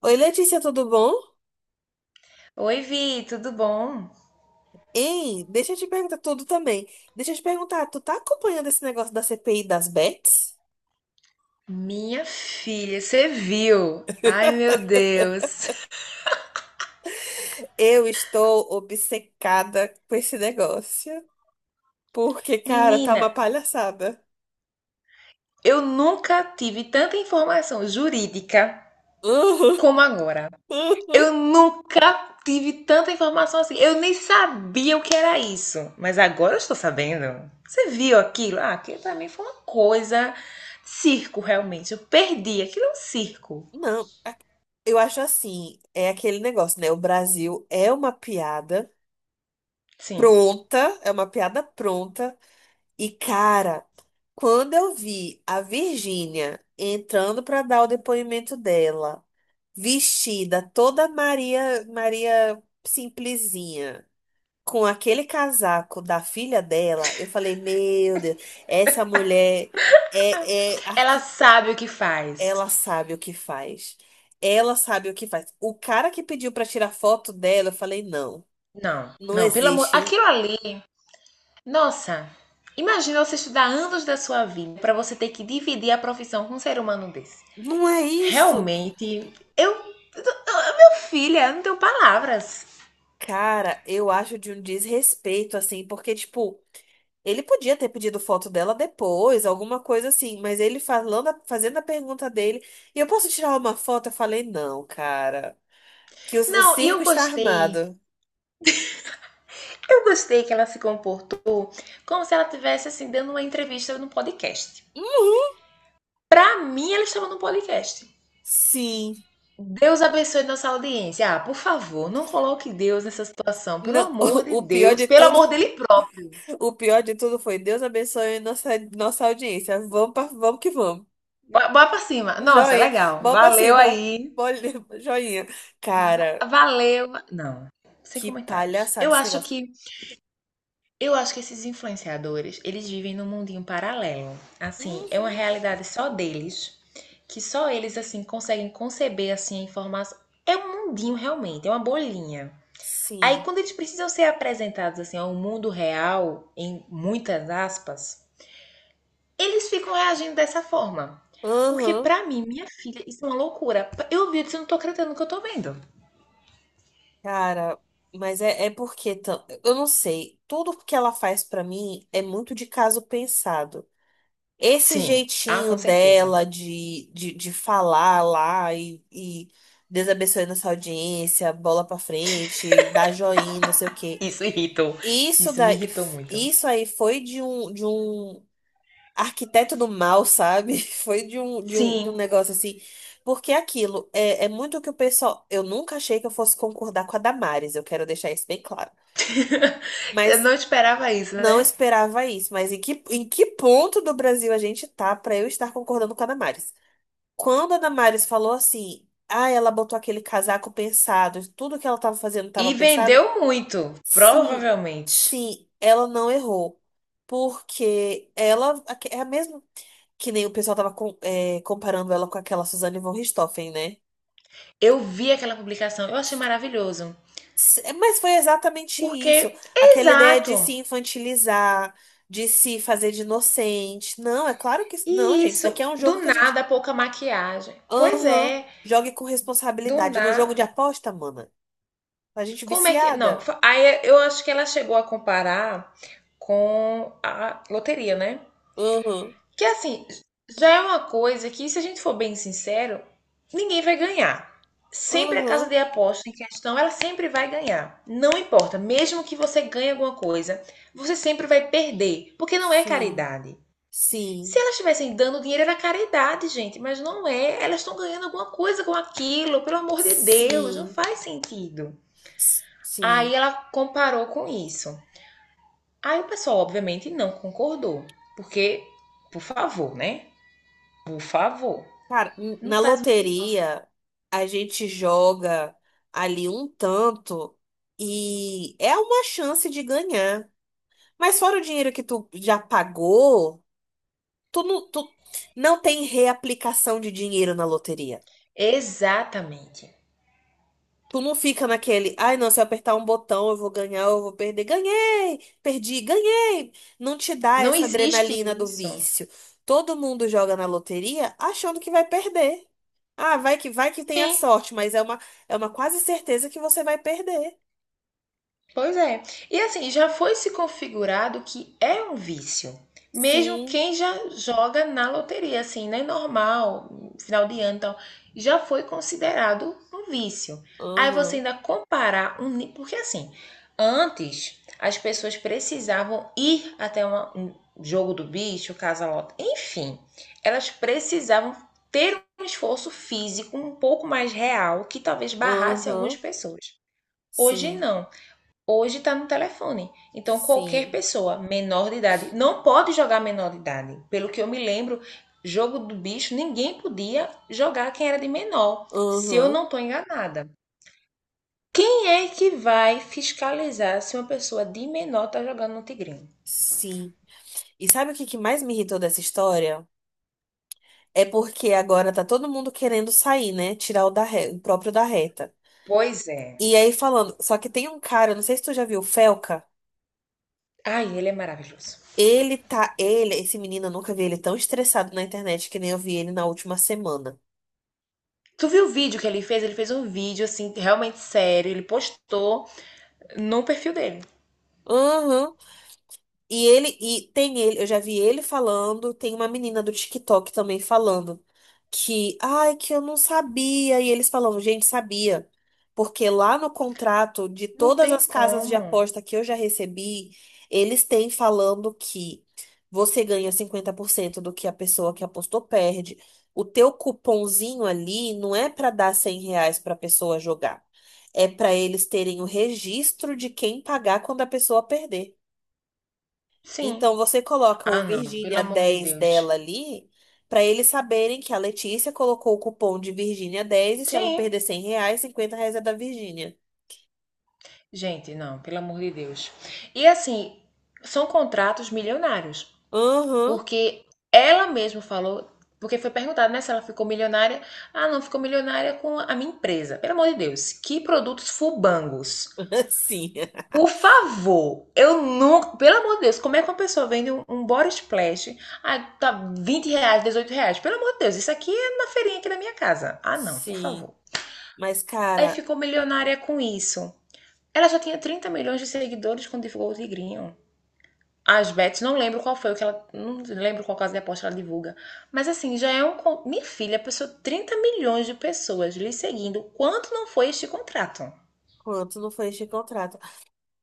Oi, Letícia, tudo bom? Oi, Vi, tudo bom? Ei, deixa eu te perguntar tudo também. Deixa eu te perguntar, tu tá acompanhando esse negócio da CPI das bets? Minha filha, você viu? Ai, meu Deus. Eu estou obcecada com esse negócio, porque, cara, tá Menina, uma palhaçada. eu nunca tive tanta informação jurídica Uhum, como agora. uhum. Eu nunca tive tanta informação assim. Eu nem sabia o que era isso, mas agora eu estou sabendo. Você viu aquilo? Ah, aquilo pra mim foi uma coisa circo, realmente. Eu perdi, aquilo é um circo. Não, a- Eu acho assim, é aquele negócio, né? O Brasil é uma piada Sim. pronta, é uma piada pronta. E, cara, quando eu vi a Virgínia entrando para dar o depoimento dela, vestida toda Maria, Maria simplesinha, com aquele casaco da filha dela, eu falei, meu Deus, essa mulher é, é Ela arqui... sabe o que faz. ela sabe o que faz. Ela sabe o que faz. O cara que pediu para tirar foto dela, eu falei, não, Não, não não, pelo amor, existe. aquilo ali... Nossa, imagina você estudar anos da sua vida para você ter que dividir a profissão com um ser humano desse. Não é isso. Realmente, meu filho, eu não tenho palavras. Cara, eu acho de um desrespeito, assim, porque, tipo, ele podia ter pedido foto dela depois, alguma coisa assim, mas ele falando, fazendo a pergunta dele, e eu posso tirar uma foto? Eu falei, não, cara, que o Não, e circo eu está gostei. armado. Eu gostei que ela se comportou como se ela tivesse assim dando uma entrevista no podcast. Uhum, Pra mim, ela estava no podcast. sim. Deus abençoe nossa audiência. Ah, por favor, não coloque Deus nessa situação. Pelo Não, amor de o pior Deus, de pelo tudo, amor dele próprio. o pior de tudo foi Deus abençoe nossa audiência. Vamos que vamos. Bora pra cima. Nossa, Joinha, legal. mão pra Valeu cima. aí. Olha, joinha. Cara, Valeu. Não, sem que comentários. palhaçada Eu esse acho negócio. que eu acho que esses influenciadores, eles vivem num mundinho paralelo. Assim, é uma Uhum. realidade só deles, que só eles assim conseguem conceber assim a informação. É um mundinho realmente, é uma bolinha. Aí Sim. quando eles precisam ser apresentados assim ao mundo real, em muitas aspas, eles ficam reagindo dessa forma. Porque Aham, pra mim, minha filha, isso é uma loucura. Eu vi, eu disse, eu não tô acreditando no que eu tô vendo. cara, mas é porque eu não sei, tudo que ela faz pra mim é muito de caso pensado. Esse Sim. Ah, jeitinho com certeza. dela de falar lá e Deus abençoe nossa audiência, bola pra frente, dá joinha, não sei o quê. Isso irritou. Isso Isso me daí, irritou muito. isso aí foi de um arquiteto do mal, sabe? Foi de um, de um, de Sim, um negócio assim. Porque aquilo é muito o que o pessoal. Eu nunca achei que eu fosse concordar com a Damares, eu quero deixar isso bem claro. eu Mas não esperava isso, não né? esperava isso. Mas em que ponto do Brasil a gente tá pra eu estar concordando com a Damares? Quando a Damares falou assim, ah, ela botou aquele casaco pensado, tudo que ela tava fazendo tava E pensado. vendeu muito, Sim, provavelmente. sim, ela não errou. Porque ela é a mesma. Que nem o pessoal tava é, comparando ela com aquela Suzane von Richthofen, né? Eu vi aquela publicação, eu achei maravilhoso. É, mas foi exatamente isso. Porque, Aquela ideia de exato. se infantilizar, de se fazer de inocente. Não, é claro que. Não, E gente, isso daqui isso, é um jogo do que a gente. nada, pouca maquiagem. Pois Aham. é, Jogue com do responsabilidade. No jogo de nada. aposta, mana. A gente Como é que... Não, viciada. aí eu acho que ela chegou a comparar com a loteria, né? Aham. Que assim, já é uma coisa que, se a gente for bem sincero, ninguém vai ganhar. Sempre a casa Aham. de aposta em questão, ela sempre vai ganhar. Não importa, mesmo que você ganhe alguma coisa, você sempre vai perder, porque não é Sim. caridade. Se Sim. elas estivessem dando dinheiro, era caridade, gente, mas não é. Elas estão ganhando alguma coisa com aquilo, pelo amor de Deus, não Sim. faz sentido. Aí Sim. ela comparou com isso. Aí o pessoal, obviamente, não concordou, porque, por favor, né? Por favor. Cara, Não na faz o menor sentido. loteria, a gente joga ali um tanto e é uma chance de ganhar. Mas fora o dinheiro que tu já pagou, tu não tem reaplicação de dinheiro na loteria. Exatamente. Tu não fica naquele, ai, não, se eu apertar um botão eu vou ganhar, eu vou perder. Ganhei, perdi, ganhei. Não te dá Não essa existe adrenalina do isso. vício. Todo mundo joga na loteria achando que vai perder. Ah, vai que tem a Sim. sorte, mas é uma quase certeza que você vai perder. Pois é. E assim, já foi se configurado que é um vício. Mesmo Sim, quem já joga na loteria, assim, né? Normal, final de ano e tal, já foi considerado um vício. Aí você aham, ainda comparar um. Porque assim, antes as pessoas precisavam ir até um jogo do bicho, casa-lote, enfim, elas precisavam ter um esforço físico um pouco mais real que talvez barrasse algumas aham, pessoas. Hoje sim, não hoje está no telefone. Então, qualquer sim, pessoa menor de idade não pode jogar menor de idade. Pelo que eu me lembro, jogo do bicho, ninguém podia jogar quem era de menor, se eu aham, não estou enganada. Quem é que vai fiscalizar se uma pessoa de menor está jogando no Tigrinho? sim. E sabe o que que mais me irritou dessa história? É porque agora tá todo mundo querendo sair, né? Tirar o próprio da reta. Pois é. E aí falando, só que tem um cara, não sei se tu já viu, o Felca. Ai, ele é maravilhoso. Esse menino, eu nunca vi ele tão estressado na internet que nem eu vi ele na última semana. Tu viu o vídeo que ele fez? Ele fez um vídeo, assim, realmente sério. Ele postou no perfil dele. Uhum. E ele, e tem ele, eu já vi ele falando, tem uma menina do TikTok também falando que, ai, que eu não sabia. E eles falavam, gente, sabia. Porque lá no contrato de Não todas tem as casas de como. aposta que eu já recebi, eles têm falando que você ganha 50% do que a pessoa que apostou perde. O teu cupomzinho ali não é para dar 100 reais para a pessoa jogar. É para eles terem o registro de quem pagar quando a pessoa perder. Sim. Então você coloca o Ah, não. Pelo Virgínia amor de dez Deus. dela ali, para eles saberem que a Letícia colocou o cupom de Virgínia dez e se ela Sim. perder R$ 100, cinquenta reais é da Virgínia. Gente, não, pelo amor de Deus. E assim, são contratos milionários, Aham, porque ela mesma falou, porque foi perguntado, né, se ela ficou milionária. Ah, não, ficou milionária com a minha empresa. Pelo amor de Deus, que produtos fubangos. sim, Por favor, eu nunca. Pelo amor de Deus, como é que uma pessoa vende um body splash? Ah, tá, R$ 20, R$ 18. Pelo amor de Deus, isso aqui é na feirinha aqui da minha casa. Ah, não, por sim. favor. Mas, Aí cara, ficou milionária com isso. Ela já tinha 30 milhões de seguidores quando divulgou o Tigrinho. As bets, não lembro qual foi o que ela... Não lembro qual casa de aposta ela divulga. Mas assim, já é um... Minha filha, passou 30 milhões de pessoas lhe seguindo. Quanto não foi este contrato? quanto não foi este contrato?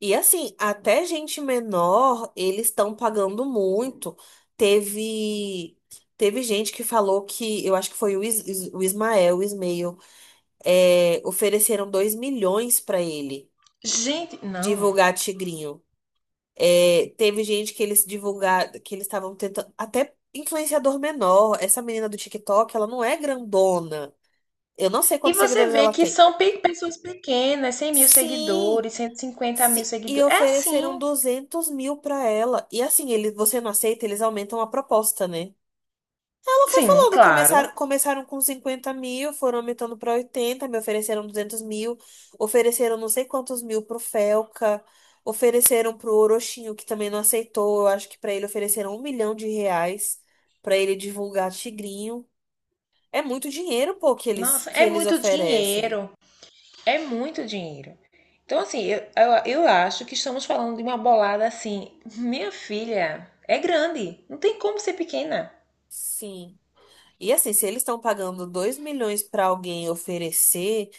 E assim, até gente menor, eles estão pagando muito. Teve. Teve gente que falou que, eu acho que foi o, o Ismael, é, ofereceram 2 milhões para ele Gente, não. divulgar Tigrinho. É, teve gente que eles divulgar, que eles estavam tentando, até influenciador menor. Essa menina do TikTok, ela não é grandona. Eu não sei E quantos você seguidores vê ela que tem. são pessoas pequenas, 100 mil Sim, seguidores, 150 mil sim. E seguidores. É ofereceram assim. 200 mil pra ela. E assim, ele, você não aceita, eles aumentam a proposta, né? Ela foi Sim, falando, claro. começaram com 50 mil, foram aumentando para 80, me ofereceram 200 mil, ofereceram não sei quantos mil pro Felca, ofereceram pro Orochinho, que também não aceitou, eu acho que para ele ofereceram um milhão de reais para ele divulgar Tigrinho. É muito dinheiro, pô, que eles, Nossa, que é eles muito oferecem. dinheiro. É muito dinheiro. Então, assim, eu acho que estamos falando de uma bolada assim. Minha filha é grande, não tem como ser pequena. Sim. E assim, se eles estão pagando 2 milhões para alguém oferecer.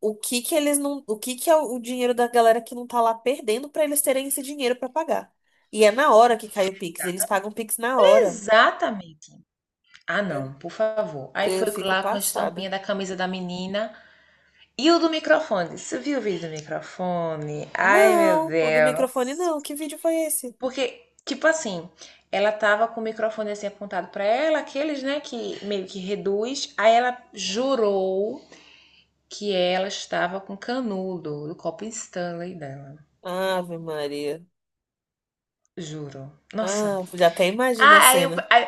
O que que eles não, o que que é o dinheiro da galera que não tá lá perdendo pra eles terem esse dinheiro pra pagar. E é na hora que cai o Pix, eles pagam o Pix na hora. Exatamente. Ah, Eu, não, por favor. Aí eu foi fico lá com a passada. estampinha da camisa da menina e o do microfone. Você viu o vídeo do microfone? Ai, meu Não, o do microfone Deus. não. Que vídeo foi esse? Porque, tipo assim, ela tava com o microfone assim apontado pra ela, aqueles, né, que meio que reduz. Aí ela jurou que ela estava com canudo do copo Stanley dela. Ave Maria. Juro. Nossa. Ah, já até imagino a Ah, aí, o- cena. aí,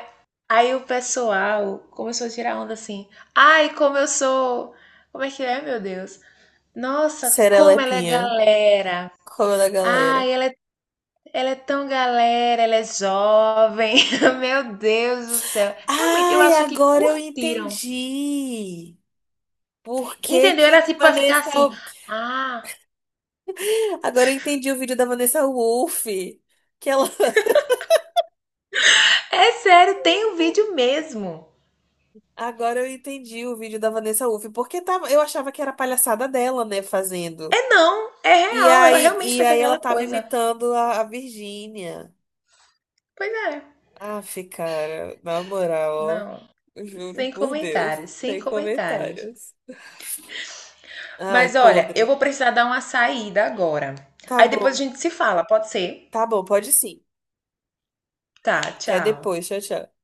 aí o pessoal começou a tirar onda assim. Ai, como eu sou. Como é que é, meu Deus? Nossa, como ela é Serelepinha, galera. como da Ai, galera. Ela é tão galera, ela é jovem. Meu Deus do céu. Realmente, eu Ai, acho que agora eu curtiram. entendi. Por que Entendeu? que a Era tipo, vai ficar Vanessa... assim. Ah, Agora eu entendi o vídeo da Vanessa Wolff. Que ela é sério, tem um vídeo mesmo. Agora eu entendi o vídeo da Vanessa Uff, porque tava, eu achava que era palhaçada dela, né, fazendo. É não, é E real, ela aí, realmente e fez aí ela aquela tava coisa. imitando a Virgínia. Pois é. Aff, cara, na moral, ó, Não, eu juro sem por Deus, comentários, sem sem comentários. comentários. Ai, Mas olha, eu podre. vou precisar dar uma saída agora. Tá Aí depois a bom, gente se fala, pode ser? tá bom, pode sim. Tá, Até tchau. depois, tchau, tchau.